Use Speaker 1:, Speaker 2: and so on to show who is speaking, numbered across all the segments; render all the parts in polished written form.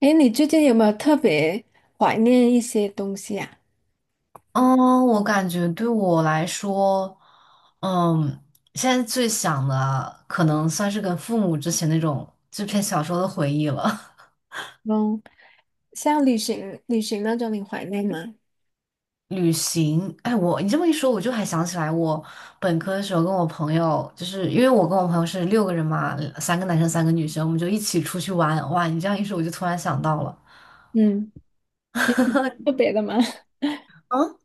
Speaker 1: 哎，你最近有没有特别怀念一些东西啊？
Speaker 2: 嗯，我感觉对我来说，嗯，现在最想的可能算是跟父母之前那种这篇小说的回忆了。
Speaker 1: 嗯，像旅行，那种你怀念吗？
Speaker 2: 旅行，哎，你这么一说，我就还想起来，我本科的时候跟我朋友，就是因为我跟我朋友是6个人嘛，3个男生，3个女生，我们就一起出去玩哇！你这样一说，我就突然想到了。
Speaker 1: 嗯，有特 别的吗？
Speaker 2: 啊？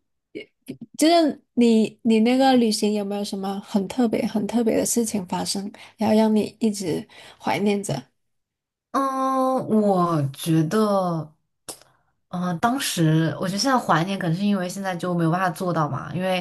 Speaker 1: 就是你那个旅行有没有什么很特别、的事情发生，然后让你一直怀念着？
Speaker 2: 嗯，我觉得，当时我觉得现在怀念，可能是因为现在就没有办法做到嘛，因为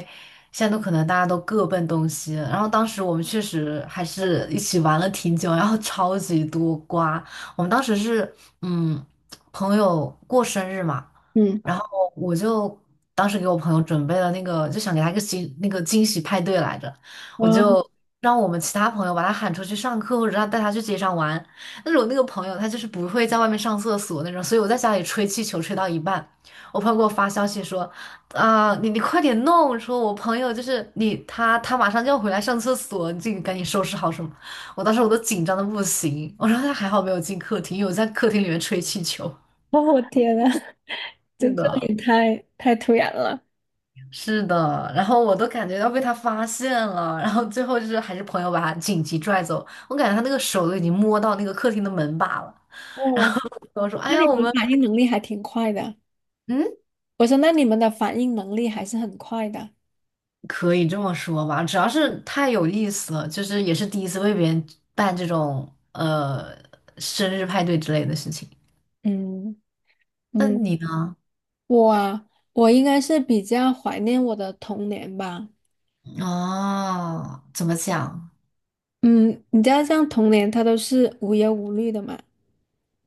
Speaker 2: 现在都可能大家都各奔东西。然后当时我们确实还是一起玩了挺久，然后超级多瓜。我们当时是，嗯，朋友过生日嘛，
Speaker 1: 嗯，
Speaker 2: 然后我就当时给我朋友准备了那个，就想给他一个惊那个惊喜派对来着，
Speaker 1: 啊，
Speaker 2: 我 就让我们其他朋友把他喊出去上课，或者让带他去街上玩。但是我那个朋友他就是不会在外面上厕所那种，所以我在家里吹气球吹到一半，我朋友给我发消息说，啊、你快点弄，说我朋友就是你他马上就要回来上厕所，你自己赶紧收拾好什么。我当时我都紧张的不行，我说他还好没有进客厅，因为我在客厅里面吹气球。
Speaker 1: 哦，我天呐，
Speaker 2: 是
Speaker 1: 这这
Speaker 2: 的，
Speaker 1: 也太突然了。
Speaker 2: 是的，然后我都感觉要被他发现了，然后最后就是还是朋友把他紧急拽走，我感觉他那个手都已经摸到那个客厅的门把了。
Speaker 1: 哇！
Speaker 2: 我说，哎
Speaker 1: 那
Speaker 2: 呀，
Speaker 1: 你
Speaker 2: 我
Speaker 1: 们
Speaker 2: 们
Speaker 1: 反应能力还挺快的。
Speaker 2: 嗯。
Speaker 1: 我说，那你们的反应能力还是很快的。
Speaker 2: 可以这么说吧，主要是太有意思了，就是也是第一次为别人办这种生日派对之类的事情。
Speaker 1: 嗯
Speaker 2: 那
Speaker 1: 嗯，
Speaker 2: 你呢？
Speaker 1: 我啊，我应该是比较怀念我的童年吧。
Speaker 2: 哦，怎么讲？
Speaker 1: 嗯，你知道，像童年它都是无忧无虑的嘛。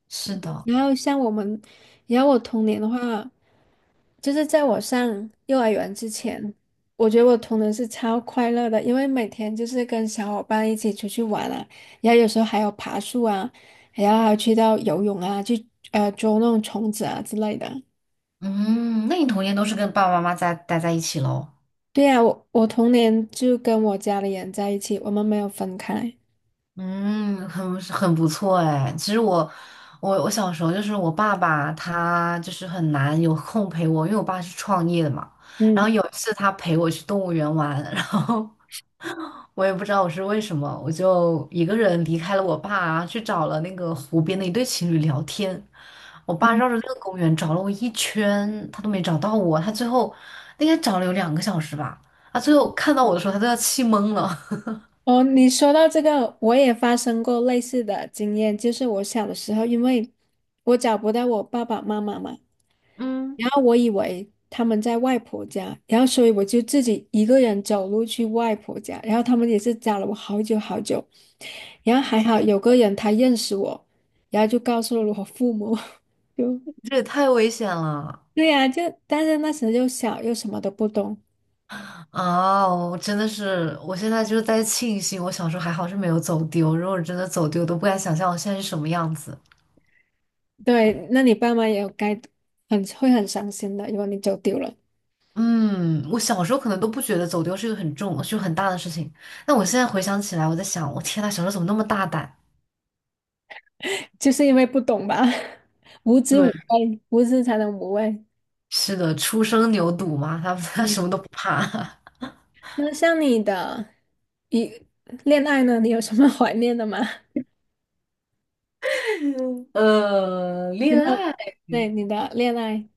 Speaker 2: 是的，
Speaker 1: 然后像我们，然后我童年的话。就是在我上幼儿园之前，我觉得我童年是超快乐的，因为每天就是跟小伙伴一起出去玩啊，然后有时候还有爬树啊，然后还有去到游泳啊，去捉那种虫子啊之类的。
Speaker 2: 嗯，那你童年都是跟爸爸妈妈在待在一起喽？
Speaker 1: 对呀，我童年就跟我家里人在一起，我们没有分开。
Speaker 2: 嗯，很很不错哎。其实我，我小时候就是我爸爸，他就是很难有空陪我，因为我爸是创业的嘛。然
Speaker 1: 嗯
Speaker 2: 后有一次他陪我去动物园玩，然后 我也不知道我是为什么，我就一个人离开了我爸，去找了那个湖边的一对情侣聊天。我爸
Speaker 1: 嗯。
Speaker 2: 绕着那个公园找了我一圈，他都没找到我。他最后应该找了有2个小时吧，他最后看到我的时候，他都要气懵了。
Speaker 1: 哦，你说到这个，我也发生过类似的经验，就是我小的时候，因为我找不到我爸爸妈妈嘛。
Speaker 2: 嗯。
Speaker 1: 然后我以为他们在外婆家，然后所以我就自己一个人走路去外婆家，然后他们也是找了我好久好久，然后还好有个人他认识我，然后就告诉了我父母，就
Speaker 2: 这也太危险了
Speaker 1: 对呀。但是那时候又小又什么都不懂，
Speaker 2: 啊！我真的是，我现在就是在庆幸，我小时候还好是没有走丢。如果真的走丢，我都不敢想象我现在是什么样子。
Speaker 1: 对，那你爸妈也很会很伤心的，如果你走丢了，
Speaker 2: 嗯，我小时候可能都不觉得走丢是一个很重、就很大的事情。但我现在回想起来，我在想，我天呐，小时候怎么那么大胆？
Speaker 1: 就是因为不懂吧，无知无
Speaker 2: 对，
Speaker 1: 畏，无知才能无畏。
Speaker 2: 是的，初生牛犊嘛，他 他什么
Speaker 1: 嗯
Speaker 2: 都不怕。
Speaker 1: 那像你的一恋爱呢，你有什么 怀念的吗？
Speaker 2: 呃，
Speaker 1: 有
Speaker 2: 恋
Speaker 1: 没有
Speaker 2: 爱。
Speaker 1: 对你的恋爱？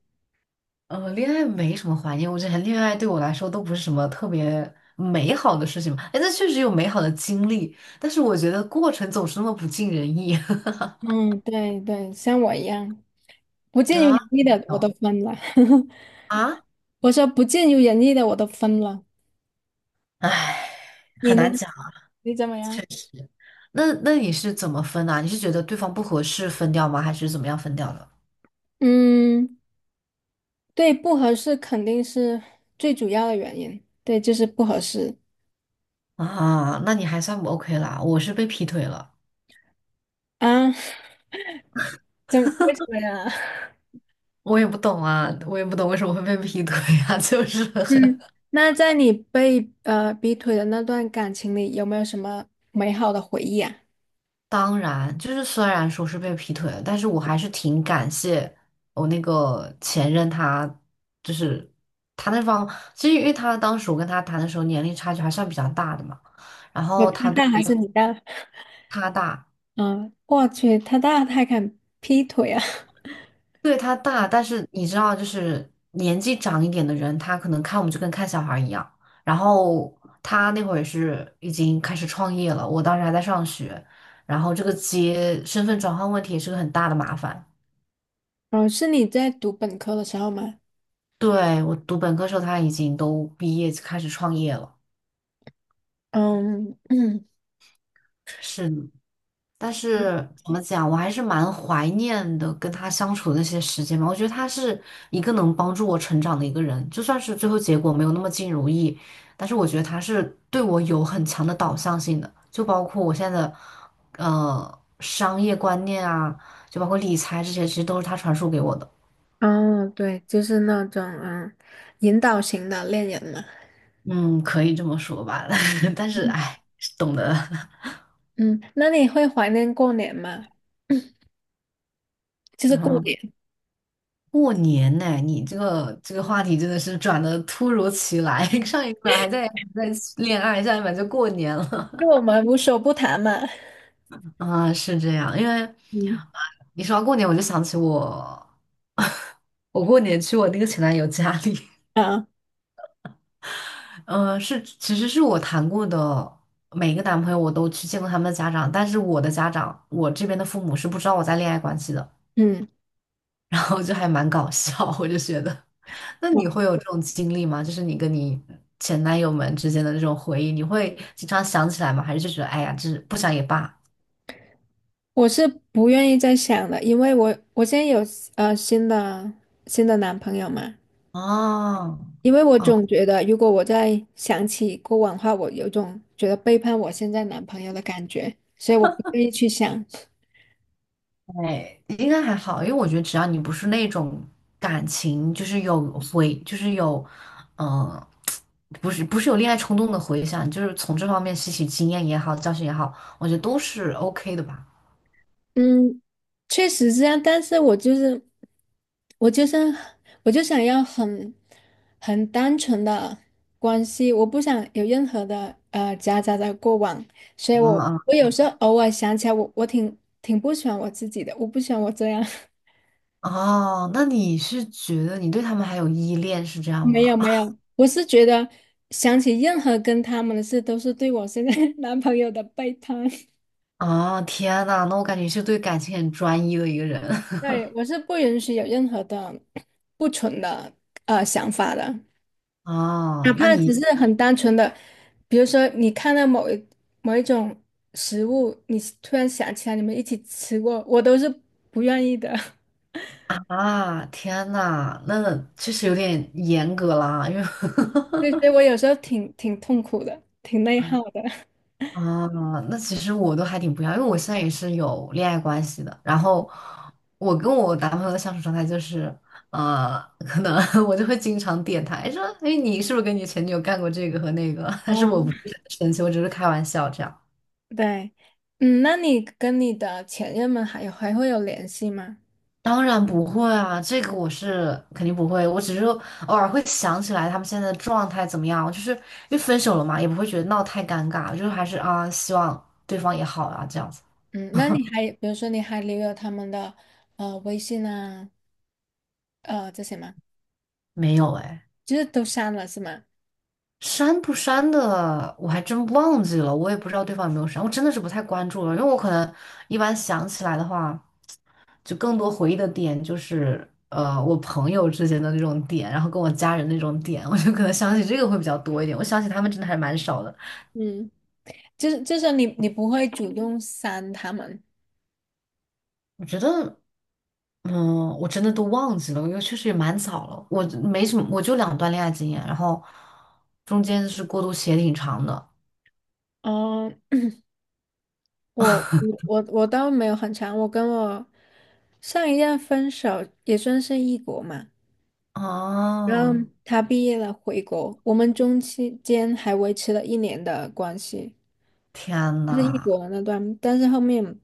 Speaker 2: 恋爱没什么怀念，我觉得恋爱对我来说都不是什么特别美好的事情嘛。哎，那确实有美好的经历，但是我觉得过程总是那么不尽人意
Speaker 1: 嗯，对，像我一样，不尽如
Speaker 2: 啊，
Speaker 1: 人意
Speaker 2: 没
Speaker 1: 的我都
Speaker 2: 有
Speaker 1: 分了。
Speaker 2: 啊，
Speaker 1: 我说不尽如人意的我都分了。
Speaker 2: 唉，
Speaker 1: 你
Speaker 2: 很
Speaker 1: 呢？
Speaker 2: 难讲，
Speaker 1: 你怎么
Speaker 2: 确
Speaker 1: 样？
Speaker 2: 实。那那你是怎么分啊？你是觉得对方不合适分掉吗？还是怎么样分掉的？
Speaker 1: 嗯，对，不合适肯定是最主要的原因。对，就是不合适
Speaker 2: 啊，那你还算不 OK 啦，我是被劈腿了，
Speaker 1: 啊。怎么为什么呀？
Speaker 2: 我也不懂啊，我也不懂为什么会被劈腿啊，就是。
Speaker 1: 嗯，那在你被逼退的那段感情里，有没有什么美好的回忆啊？
Speaker 2: 当然，就是虽然说是被劈腿了，但是我还是挺感谢我那个前任他，就是他那方，其实因为他当时我跟他谈的时候年龄差距还算比较大的嘛，然后
Speaker 1: 他
Speaker 2: 他对
Speaker 1: 大
Speaker 2: 我
Speaker 1: 还
Speaker 2: 也
Speaker 1: 是
Speaker 2: 很
Speaker 1: 你大？
Speaker 2: 他大，
Speaker 1: 嗯，我去，他大他还敢劈腿啊！
Speaker 2: 对他大，但是你知道，就是年纪长一点的人，他可能看我们就跟看小孩儿一样，然后他那会儿也是已经开始创业了，我当时还在上学，然后这个接身份转换问题也是个很大的麻烦。
Speaker 1: 哦，是你在读本科的时候吗？
Speaker 2: 对，我读本科时候，他已经都毕业开始创业了。
Speaker 1: 嗯嗯，
Speaker 2: 是的但是怎么讲，我还是蛮怀念的跟他相处的那些时间吧。我觉得他是一个能帮助我成长的一个人，就算是最后结果没有那么尽如意，但是我觉得他是对我有很强的导向性的，就包括我现在的商业观念啊，就包括理财这些，其实都是他传输给我的。
Speaker 1: 哦，对，就是那种嗯，引导型的恋人嘛。
Speaker 2: 嗯，可以这么说吧，但是
Speaker 1: 嗯，
Speaker 2: 哎，懂得。
Speaker 1: 嗯那你会怀念过年吗？就是过
Speaker 2: 嗯
Speaker 1: 年，
Speaker 2: 过年呢、你这个话题真的是转的突如其来，上一秒还在恋爱，下一秒就过年
Speaker 1: 就
Speaker 2: 了。
Speaker 1: 我们无所不谈嘛。
Speaker 2: 啊，是这样，因为啊
Speaker 1: 嗯
Speaker 2: 你说到过年，我就想起我，我过年去我那个前男友家里，
Speaker 1: 啊，
Speaker 2: 嗯、其实是我谈过的每一个男朋友，我都去见过他们的家长，但是我的家长，我这边的父母是不知道我在恋爱关系的，
Speaker 1: 嗯，
Speaker 2: 然后就还蛮搞笑，我就觉得。那你会
Speaker 1: 我
Speaker 2: 有这种经历吗？就是你跟你前男友们之间的这种回忆，你会经常想起来吗？还是就觉得哎呀，就是不想也罢？
Speaker 1: 我是不愿意再想了，因为我现在有新的男朋友嘛，
Speaker 2: 哦，
Speaker 1: 因为我
Speaker 2: 哦，
Speaker 1: 总觉得，如果我再想起过往的话，我有种觉得背叛我现在男朋友的感觉，所以我不愿意去想。
Speaker 2: 对，应该还好，因为我觉得只要你不是那种感情，就是有回，就是有，嗯、不是有恋爱冲动的回想，就是从这方面吸取经验也好，教训也好，我觉得都是 OK 的吧。
Speaker 1: 嗯，确实是这样，但是我就是，我就想要很单纯的关系，我不想有任何的夹杂的过往，所以
Speaker 2: 嗯
Speaker 1: 我
Speaker 2: 嗯，
Speaker 1: 我有时候偶尔想起来我，我挺不喜欢我自己的，我不喜欢我这样。
Speaker 2: 哦，那你是觉得你对他们还有依恋是这样
Speaker 1: 没有
Speaker 2: 吗？
Speaker 1: 没有，我是觉得想起任何跟他们的事，都是对我现在 男朋友的背叛。
Speaker 2: 啊，天呐，那我感觉是对感情很专一的一个人
Speaker 1: 对，我是不允许有任何的不纯的想法的，哪
Speaker 2: 啊。那
Speaker 1: 怕只
Speaker 2: 你
Speaker 1: 是很单纯的，比如说你看到某一种食物，你突然想起来你们一起吃过，我都是不愿意的。
Speaker 2: 啊，天呐，那确实有点严格啦，因为
Speaker 1: 对，所以我有时候挺痛苦的，挺内耗的。
Speaker 2: 啊，那其实我都还挺不要，因为我现在也是有恋爱关系的。然后我跟我男朋友的相处状态就是，可能 我就会经常点他，哎说，哎，你是不是跟你前女友干过这个和那个？但是
Speaker 1: 哦，
Speaker 2: 我不是很生气，我只是开玩笑这样。
Speaker 1: 对，嗯，那你跟你的前任们还会有联系吗？
Speaker 2: 当然不会啊，这个我是肯定不会。我只是说偶尔会想起来他们现在的状态怎么样，就是因为分手了嘛，也不会觉得闹太尴尬，就是还是啊，希望对方也好啊，这样子。
Speaker 1: 嗯，那你还比如说你还留有他们的微信啊，这些吗？
Speaker 2: 没有哎，
Speaker 1: 就是都删了是吗？
Speaker 2: 删不删的我还真忘记了，我也不知道对方有没有删，我真的是不太关注了，因为我可能一般想起来的话，就更多回忆的点就是我朋友之间的那种点，然后跟我家人那种点，我就可能想起这个会比较多一点。我想起他们真的还蛮少的。
Speaker 1: 嗯，就是你不会主动删他们。
Speaker 2: 我觉得，嗯，我真的都忘记了，因为确实也蛮早了。我没什么，我就两段恋爱经验，然后中间是过渡期也挺长的。
Speaker 1: 嗯，我倒没有很长，我跟我上一任分手也算是异国嘛，然后
Speaker 2: 哦，
Speaker 1: 他毕业了回国，我们中期间还维持了1年的关系，
Speaker 2: 天
Speaker 1: 就是异
Speaker 2: 呐，
Speaker 1: 国那段，但是后面。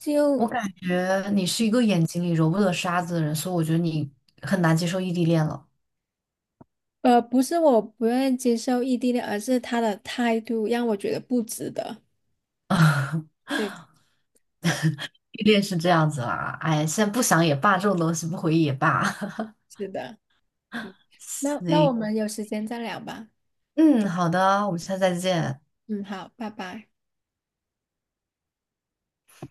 Speaker 1: 就。
Speaker 2: 我感觉你是一个眼睛里揉不得沙子的人，所以我觉得你很难接受异地恋了。
Speaker 1: 呃，不是我不愿意接受异地恋，而是他的态度让我觉得不值得。对，
Speaker 2: 异地恋是这样子啦，哎，现在不想也罢，这种东西不回忆也罢。
Speaker 1: 是的，嗯，那那
Speaker 2: 那，
Speaker 1: 我们有时间再聊吧。
Speaker 2: 嗯，好的，我们下次再见。
Speaker 1: 嗯，好，拜拜。